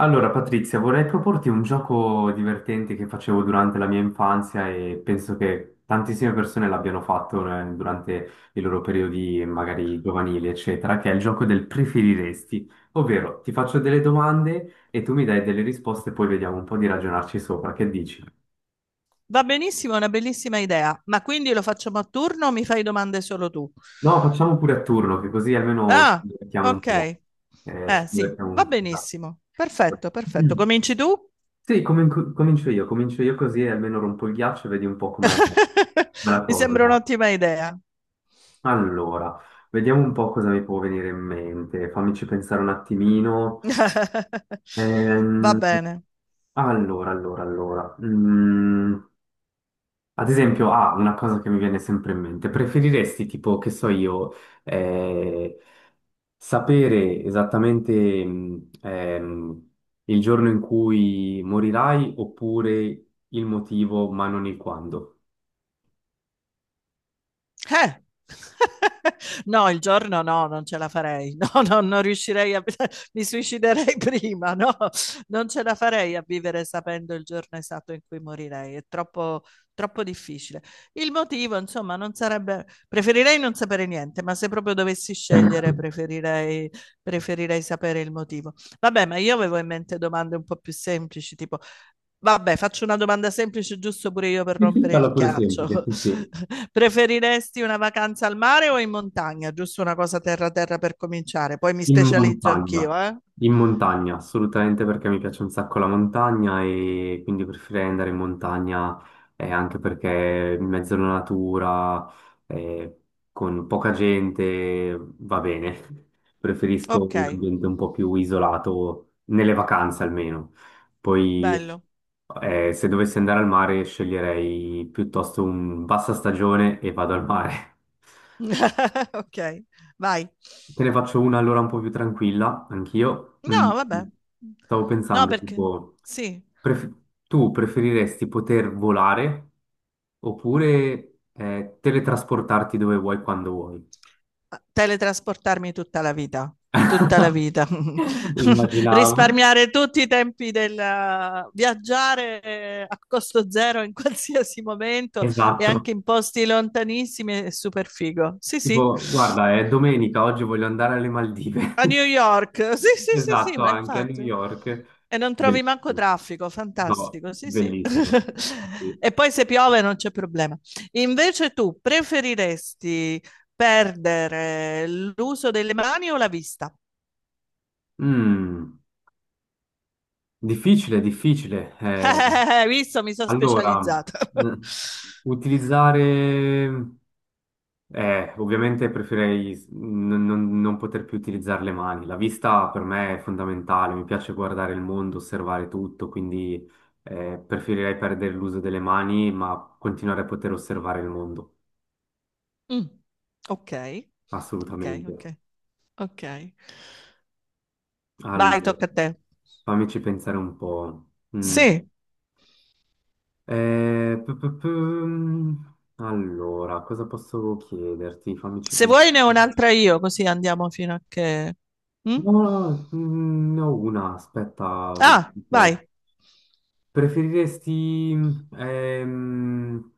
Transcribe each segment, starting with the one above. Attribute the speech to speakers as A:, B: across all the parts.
A: Allora, Patrizia, vorrei proporti un gioco divertente che facevo durante la mia infanzia e penso che tantissime persone l'abbiano fatto, durante i loro periodi magari giovanili, eccetera, che è il gioco del preferiresti, ovvero ti faccio delle domande e tu mi dai delle risposte e poi vediamo un po' di ragionarci sopra. Che dici?
B: Va benissimo, è una bellissima idea. Ma quindi lo facciamo a turno o mi fai domande solo tu?
A: No, facciamo pure a turno, che così almeno ci
B: Ah,
A: divertiamo un
B: ok.
A: po'. Ci
B: Eh sì,
A: divertiamo
B: va
A: un po'. Dai.
B: benissimo. Perfetto, perfetto.
A: Mm.
B: Cominci tu?
A: Sì, comincio io così almeno rompo il ghiaccio e vedi un po' com'è la
B: Mi
A: cosa.
B: sembra un'ottima idea.
A: Allora, vediamo un po' cosa mi può venire in mente, fammici pensare un attimino.
B: Va
A: Ehm,
B: bene.
A: allora, allora. Mm. Ad esempio, ah, una cosa che mi viene sempre in mente, preferiresti tipo, che so io, eh, sapere esattamente il giorno in cui morirai oppure il motivo, ma non il quando?
B: Eh. No, il giorno no, non ce la farei. No, no, non riuscirei a mi suiciderei prima, no. Non ce la farei a vivere sapendo il giorno esatto in cui morirei, è troppo troppo difficile. Il motivo, insomma, non sarebbe preferirei non sapere niente, ma se proprio dovessi scegliere preferirei sapere il motivo. Vabbè, ma io avevo in mente domande un po' più semplici, tipo. Vabbè, faccio una domanda semplice, giusto pure io per rompere
A: Farla
B: il
A: pure semplice,
B: ghiaccio.
A: sì, sì.
B: Preferiresti una vacanza al mare o in montagna? Giusto una cosa terra terra per cominciare, poi mi
A: In
B: specializzo
A: montagna,
B: anch'io, eh?
A: in montagna, assolutamente perché mi piace un sacco la montagna e quindi preferirei andare in montagna anche perché in mezzo alla natura, eh, con poca gente, va bene. Preferisco
B: Ok,
A: un ambiente un po' più isolato, nelle vacanze almeno. Poi
B: bello.
A: se dovessi andare al mare sceglierei piuttosto un bassa stagione e vado al mare.
B: Ok, vai.
A: Te ne faccio una allora un po' più tranquilla, anch'io. Mm,
B: No, vabbè.
A: stavo
B: No,
A: pensando,
B: perché
A: tipo,
B: sì,
A: pref- tu preferiresti poter volare oppure teletrasportarti dove vuoi quando vuoi?
B: teletrasportarmi tutta la vita, tutta la vita.
A: Immaginavo.
B: Risparmiare tutti i tempi del viaggiare a costo zero in qualsiasi momento e
A: Esatto.
B: anche in posti lontanissimi è super figo. Sì, sì.
A: Tipo, guarda, è domenica, oggi voglio andare alle Maldive.
B: A New York, sì, sì, sì, sì,
A: Esatto,
B: ma
A: anche a New
B: infatti.
A: York.
B: E non trovi manco
A: Bellissimo.
B: traffico,
A: No,
B: fantastico, sì, sì.
A: bellissimo. Sì.
B: E poi se piove non c'è problema. Invece tu preferiresti perdere l'uso delle mani o la vista?
A: Mm, difficile, difficile.
B: Visto, mi sono
A: Allora,
B: specializzata.
A: mh, utilizzare, ovviamente preferirei non poter più utilizzare le mani. La vista per me è fondamentale, mi piace guardare il mondo, osservare tutto, quindi preferirei perdere l'uso delle mani, ma continuare a poter osservare il mondo,
B: Mm, ok, ok, ok,
A: assolutamente.
B: ok. Vai,
A: Allora,
B: tocca a te.
A: fammici pensare un po'. Mm.
B: Sì,
A: Eh, pu- pu- pu- Allora, cosa posso chiederti? Fammici
B: se vuoi ne ho
A: pensare.
B: un'altra io, così andiamo fino a che... Mm?
A: No, mm, ne ho una, aspetta, vediamo
B: Ah,
A: un po'.
B: vai.
A: Preferiresti ehm,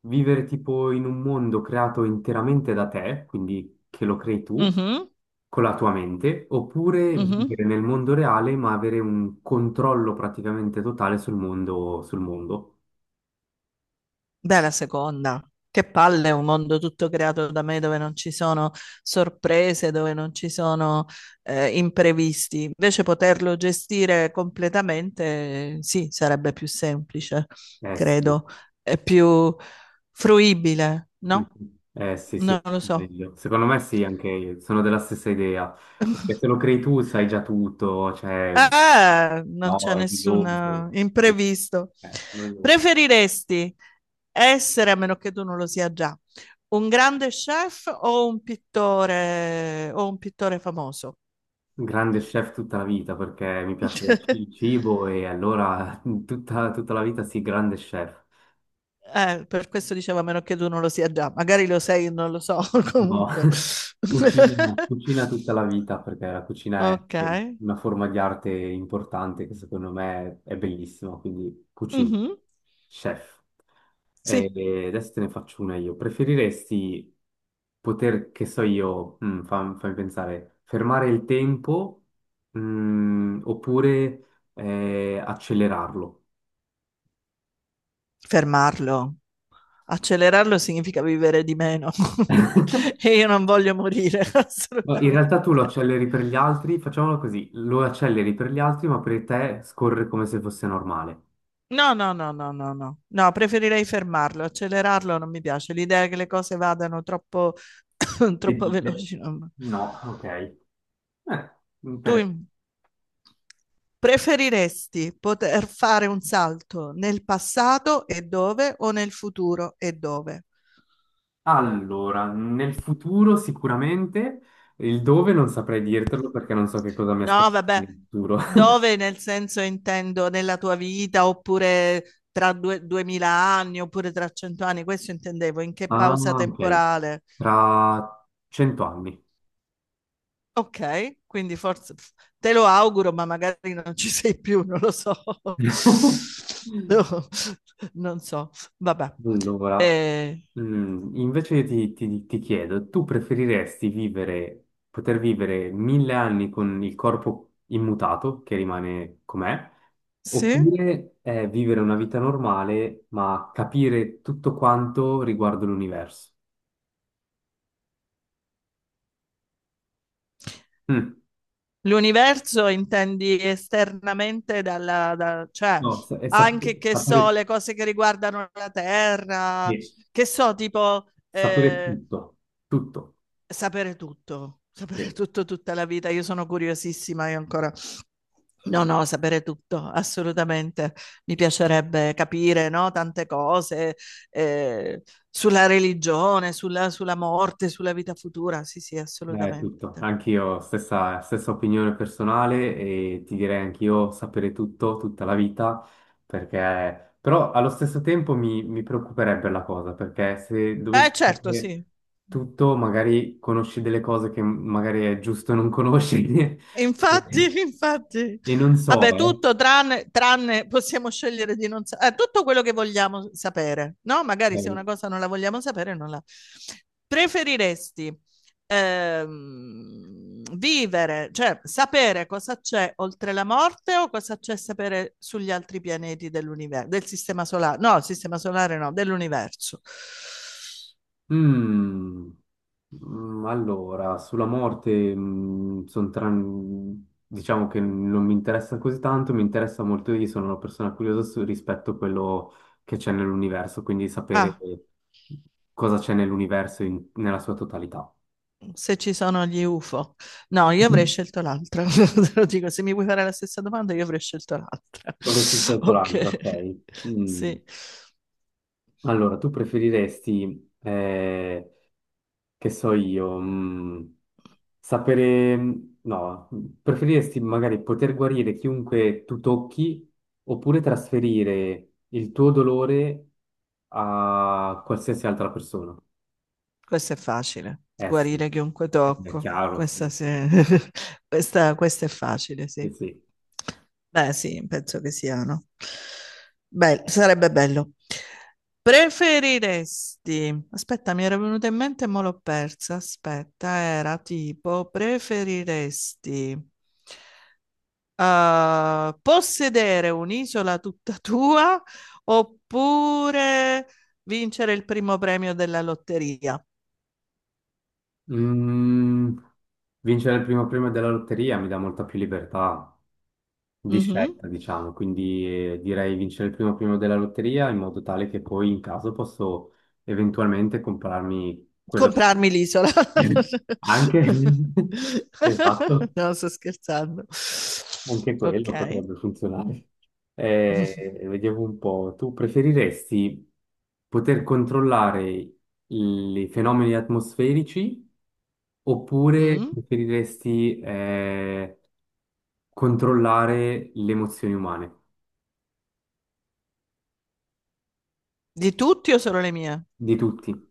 A: vivere tipo in un mondo creato interamente da te, quindi che lo crei tu
B: Mhm,
A: con la tua mente, oppure
B: mhm.
A: vivere nel mondo reale ma avere un controllo praticamente totale sul mondo, sul mondo?
B: Beh, la seconda. Che palle, è un mondo tutto creato da me dove non ci sono sorprese, dove non ci sono imprevisti. Invece poterlo gestire completamente, sì, sarebbe più semplice,
A: Eh sì.
B: credo, è più fruibile,
A: Mm.
B: no?
A: Eh sì, sì,
B: Non lo so.
A: meglio. Secondo me sì, anche sono della stessa idea, perché se lo crei tu sai già tutto, cioè,
B: Ah, non c'è
A: no, è noioso,
B: nessun imprevisto.
A: eh, noioso.
B: Preferiresti essere, a meno che tu non lo sia già, un grande chef o un pittore famoso?
A: Grande chef tutta la vita, perché mi piace il cibo e allora tutta, tutta la vita sì, grande chef.
B: Per questo dicevo, a meno che tu non lo sia già, magari lo sei, non lo so,
A: No.
B: comunque.
A: Cucina, cucina tutta la vita perché la cucina è
B: Ok.
A: una forma di arte importante che secondo me è bellissima, quindi cucina,
B: Mhm.
A: chef. E
B: Sì,
A: e adesso te ne faccio una io. Preferiresti poter, che so io, fammi pensare, fermare il tempo, mm, oppure accelerarlo?
B: fermarlo. Accelerarlo significa vivere di meno e io non voglio morire
A: No, in
B: assolutamente.
A: realtà tu lo acceleri per gli altri, facciamolo così, lo acceleri per gli altri, ma per te scorre come se fosse normale.
B: No, no, no, no, no, no, no, preferirei fermarlo, accelerarlo non mi piace, l'idea che le cose vadano troppo,
A: Le
B: troppo
A: dite?
B: veloci.
A: No, ok.
B: Tu
A: Inter-
B: im- preferiresti poter fare un salto nel passato e dove o nel futuro e dove?
A: Allora, nel futuro sicuramente, il dove non saprei dirtelo perché non so che cosa mi
B: No,
A: aspetta
B: vabbè,
A: nel futuro.
B: dove nel senso intendo nella tua vita oppure tra due, 2000 anni oppure tra 100 anni, questo intendevo, in che
A: Ah,
B: pausa
A: ok.
B: temporale.
A: Tra 100 anni.
B: Ok, quindi forse te lo auguro, ma magari non ci sei più, non lo so. No, non so, vabbè.
A: Allora,
B: Eh,
A: mm, invece ti chiedo, tu preferiresti vivere, poter vivere 1000 anni con il corpo immutato, che rimane com'è,
B: sì?
A: oppure vivere una vita normale ma capire tutto quanto riguardo l'universo? Mm,
B: L'universo intendi esternamente dalla, cioè
A: no,
B: anche
A: sapere,
B: che so, le cose che riguardano la Terra,
A: sì,
B: che so, tipo
A: sapere tutto, tutto.
B: sapere
A: Sì.
B: tutto tutta la vita. Io sono curiosissima, io ancora. No, no, sapere tutto, assolutamente. Mi piacerebbe capire, no, tante cose eh, sulla religione, sulla morte, sulla vita futura. Sì, sì,
A: È tutto,
B: assolutamente.
A: anch'io stessa, stessa opinione personale e ti direi anch'io sapere tutto, tutta la vita, perché però allo stesso tempo mi preoccuperebbe la cosa, perché se dovessi
B: Certo, sì.
A: sapere tutto, magari conosci delle cose che magari è giusto non conoscere
B: Infatti,
A: e,
B: infatti,
A: e non so,
B: vabbè,
A: eh.
B: tutto tranne possiamo scegliere di non sapere, tutto quello che vogliamo sapere, no? Magari se una
A: Ok.
B: cosa non la vogliamo sapere, non la... Preferiresti vivere, cioè sapere cosa c'è oltre la morte o cosa c'è sapere sugli altri pianeti dell'universo, del sistema solare? No, il sistema solare no, dell'universo.
A: Mm, allora, sulla morte, mm, diciamo che non mi interessa così tanto, mi interessa molto, io sono una persona curiosa rispetto a quello che c'è nell'universo, quindi sapere
B: Ah.
A: cosa c'è nell'universo nella sua totalità.
B: Se ci sono gli UFO. No, io avrei scelto l'altra. Te lo dico, se mi vuoi fare la stessa domanda, io avrei scelto l'altra.
A: Avrei più scelto l'altro,
B: Ok,
A: ok. Mm.
B: sì.
A: Allora, tu preferiresti che so io, mm, sapere, no, preferiresti magari poter guarire chiunque tu tocchi oppure trasferire il tuo dolore a qualsiasi altra persona?
B: Questo è facile,
A: Eh sì,
B: guarire chiunque
A: è
B: tocco.
A: chiaro,
B: Questa,
A: sì.
B: sì- questa è facile,
A: Eh
B: sì.
A: sì.
B: Beh, sì, penso che siano. Beh, sarebbe bello. Preferiresti, aspetta, mi era venuta in mente e mo l'ho persa. Aspetta, era tipo, preferiresti possedere un'isola tutta tua oppure vincere il primo premio della lotteria?
A: Mm, vincere il primo premio della lotteria mi dà molta più libertà. Di
B: Mh-mh.
A: scelta, diciamo, quindi direi vincere il primo primo della lotteria in modo tale che poi in caso posso eventualmente comprarmi quello
B: Comprarmi l'isola.
A: che... Anche... Esatto,
B: No, sto scherzando.
A: anche quello
B: Okay.
A: potrebbe funzionare. Vediamo un po', tu preferiresti poter controllare i fenomeni atmosferici oppure
B: Mh.
A: preferiresti controllare le emozioni umane?
B: Di tutti o solo le mie?
A: Di tutti.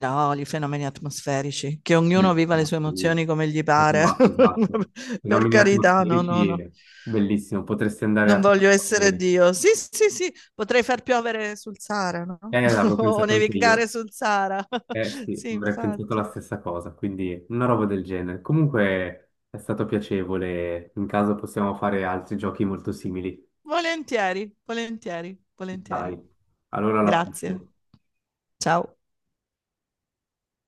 B: No, i fenomeni atmosferici, che ognuno viva le
A: Bellissimo,
B: sue
A: sì.
B: emozioni come gli pare.
A: Esatto, esatto.
B: Per
A: Fenomeni
B: carità, no, no,
A: atmosferici,
B: no.
A: è bellissimo, potresti andare
B: Non
A: a
B: voglio essere
A: fare.
B: Dio. Sì, sì, sì, potrei far piovere sul Sahara, no,
A: Avevo
B: o
A: pensato anche io.
B: nevicare sul Sahara.
A: Eh sì,
B: Sì,
A: avrei pensato la
B: infatti.
A: stessa cosa, quindi una roba del genere. Comunque è stato piacevole, in caso possiamo fare altri giochi molto simili.
B: Volentieri, volentieri, volentieri.
A: Dai, allora alla prossima.
B: Grazie. Ciao.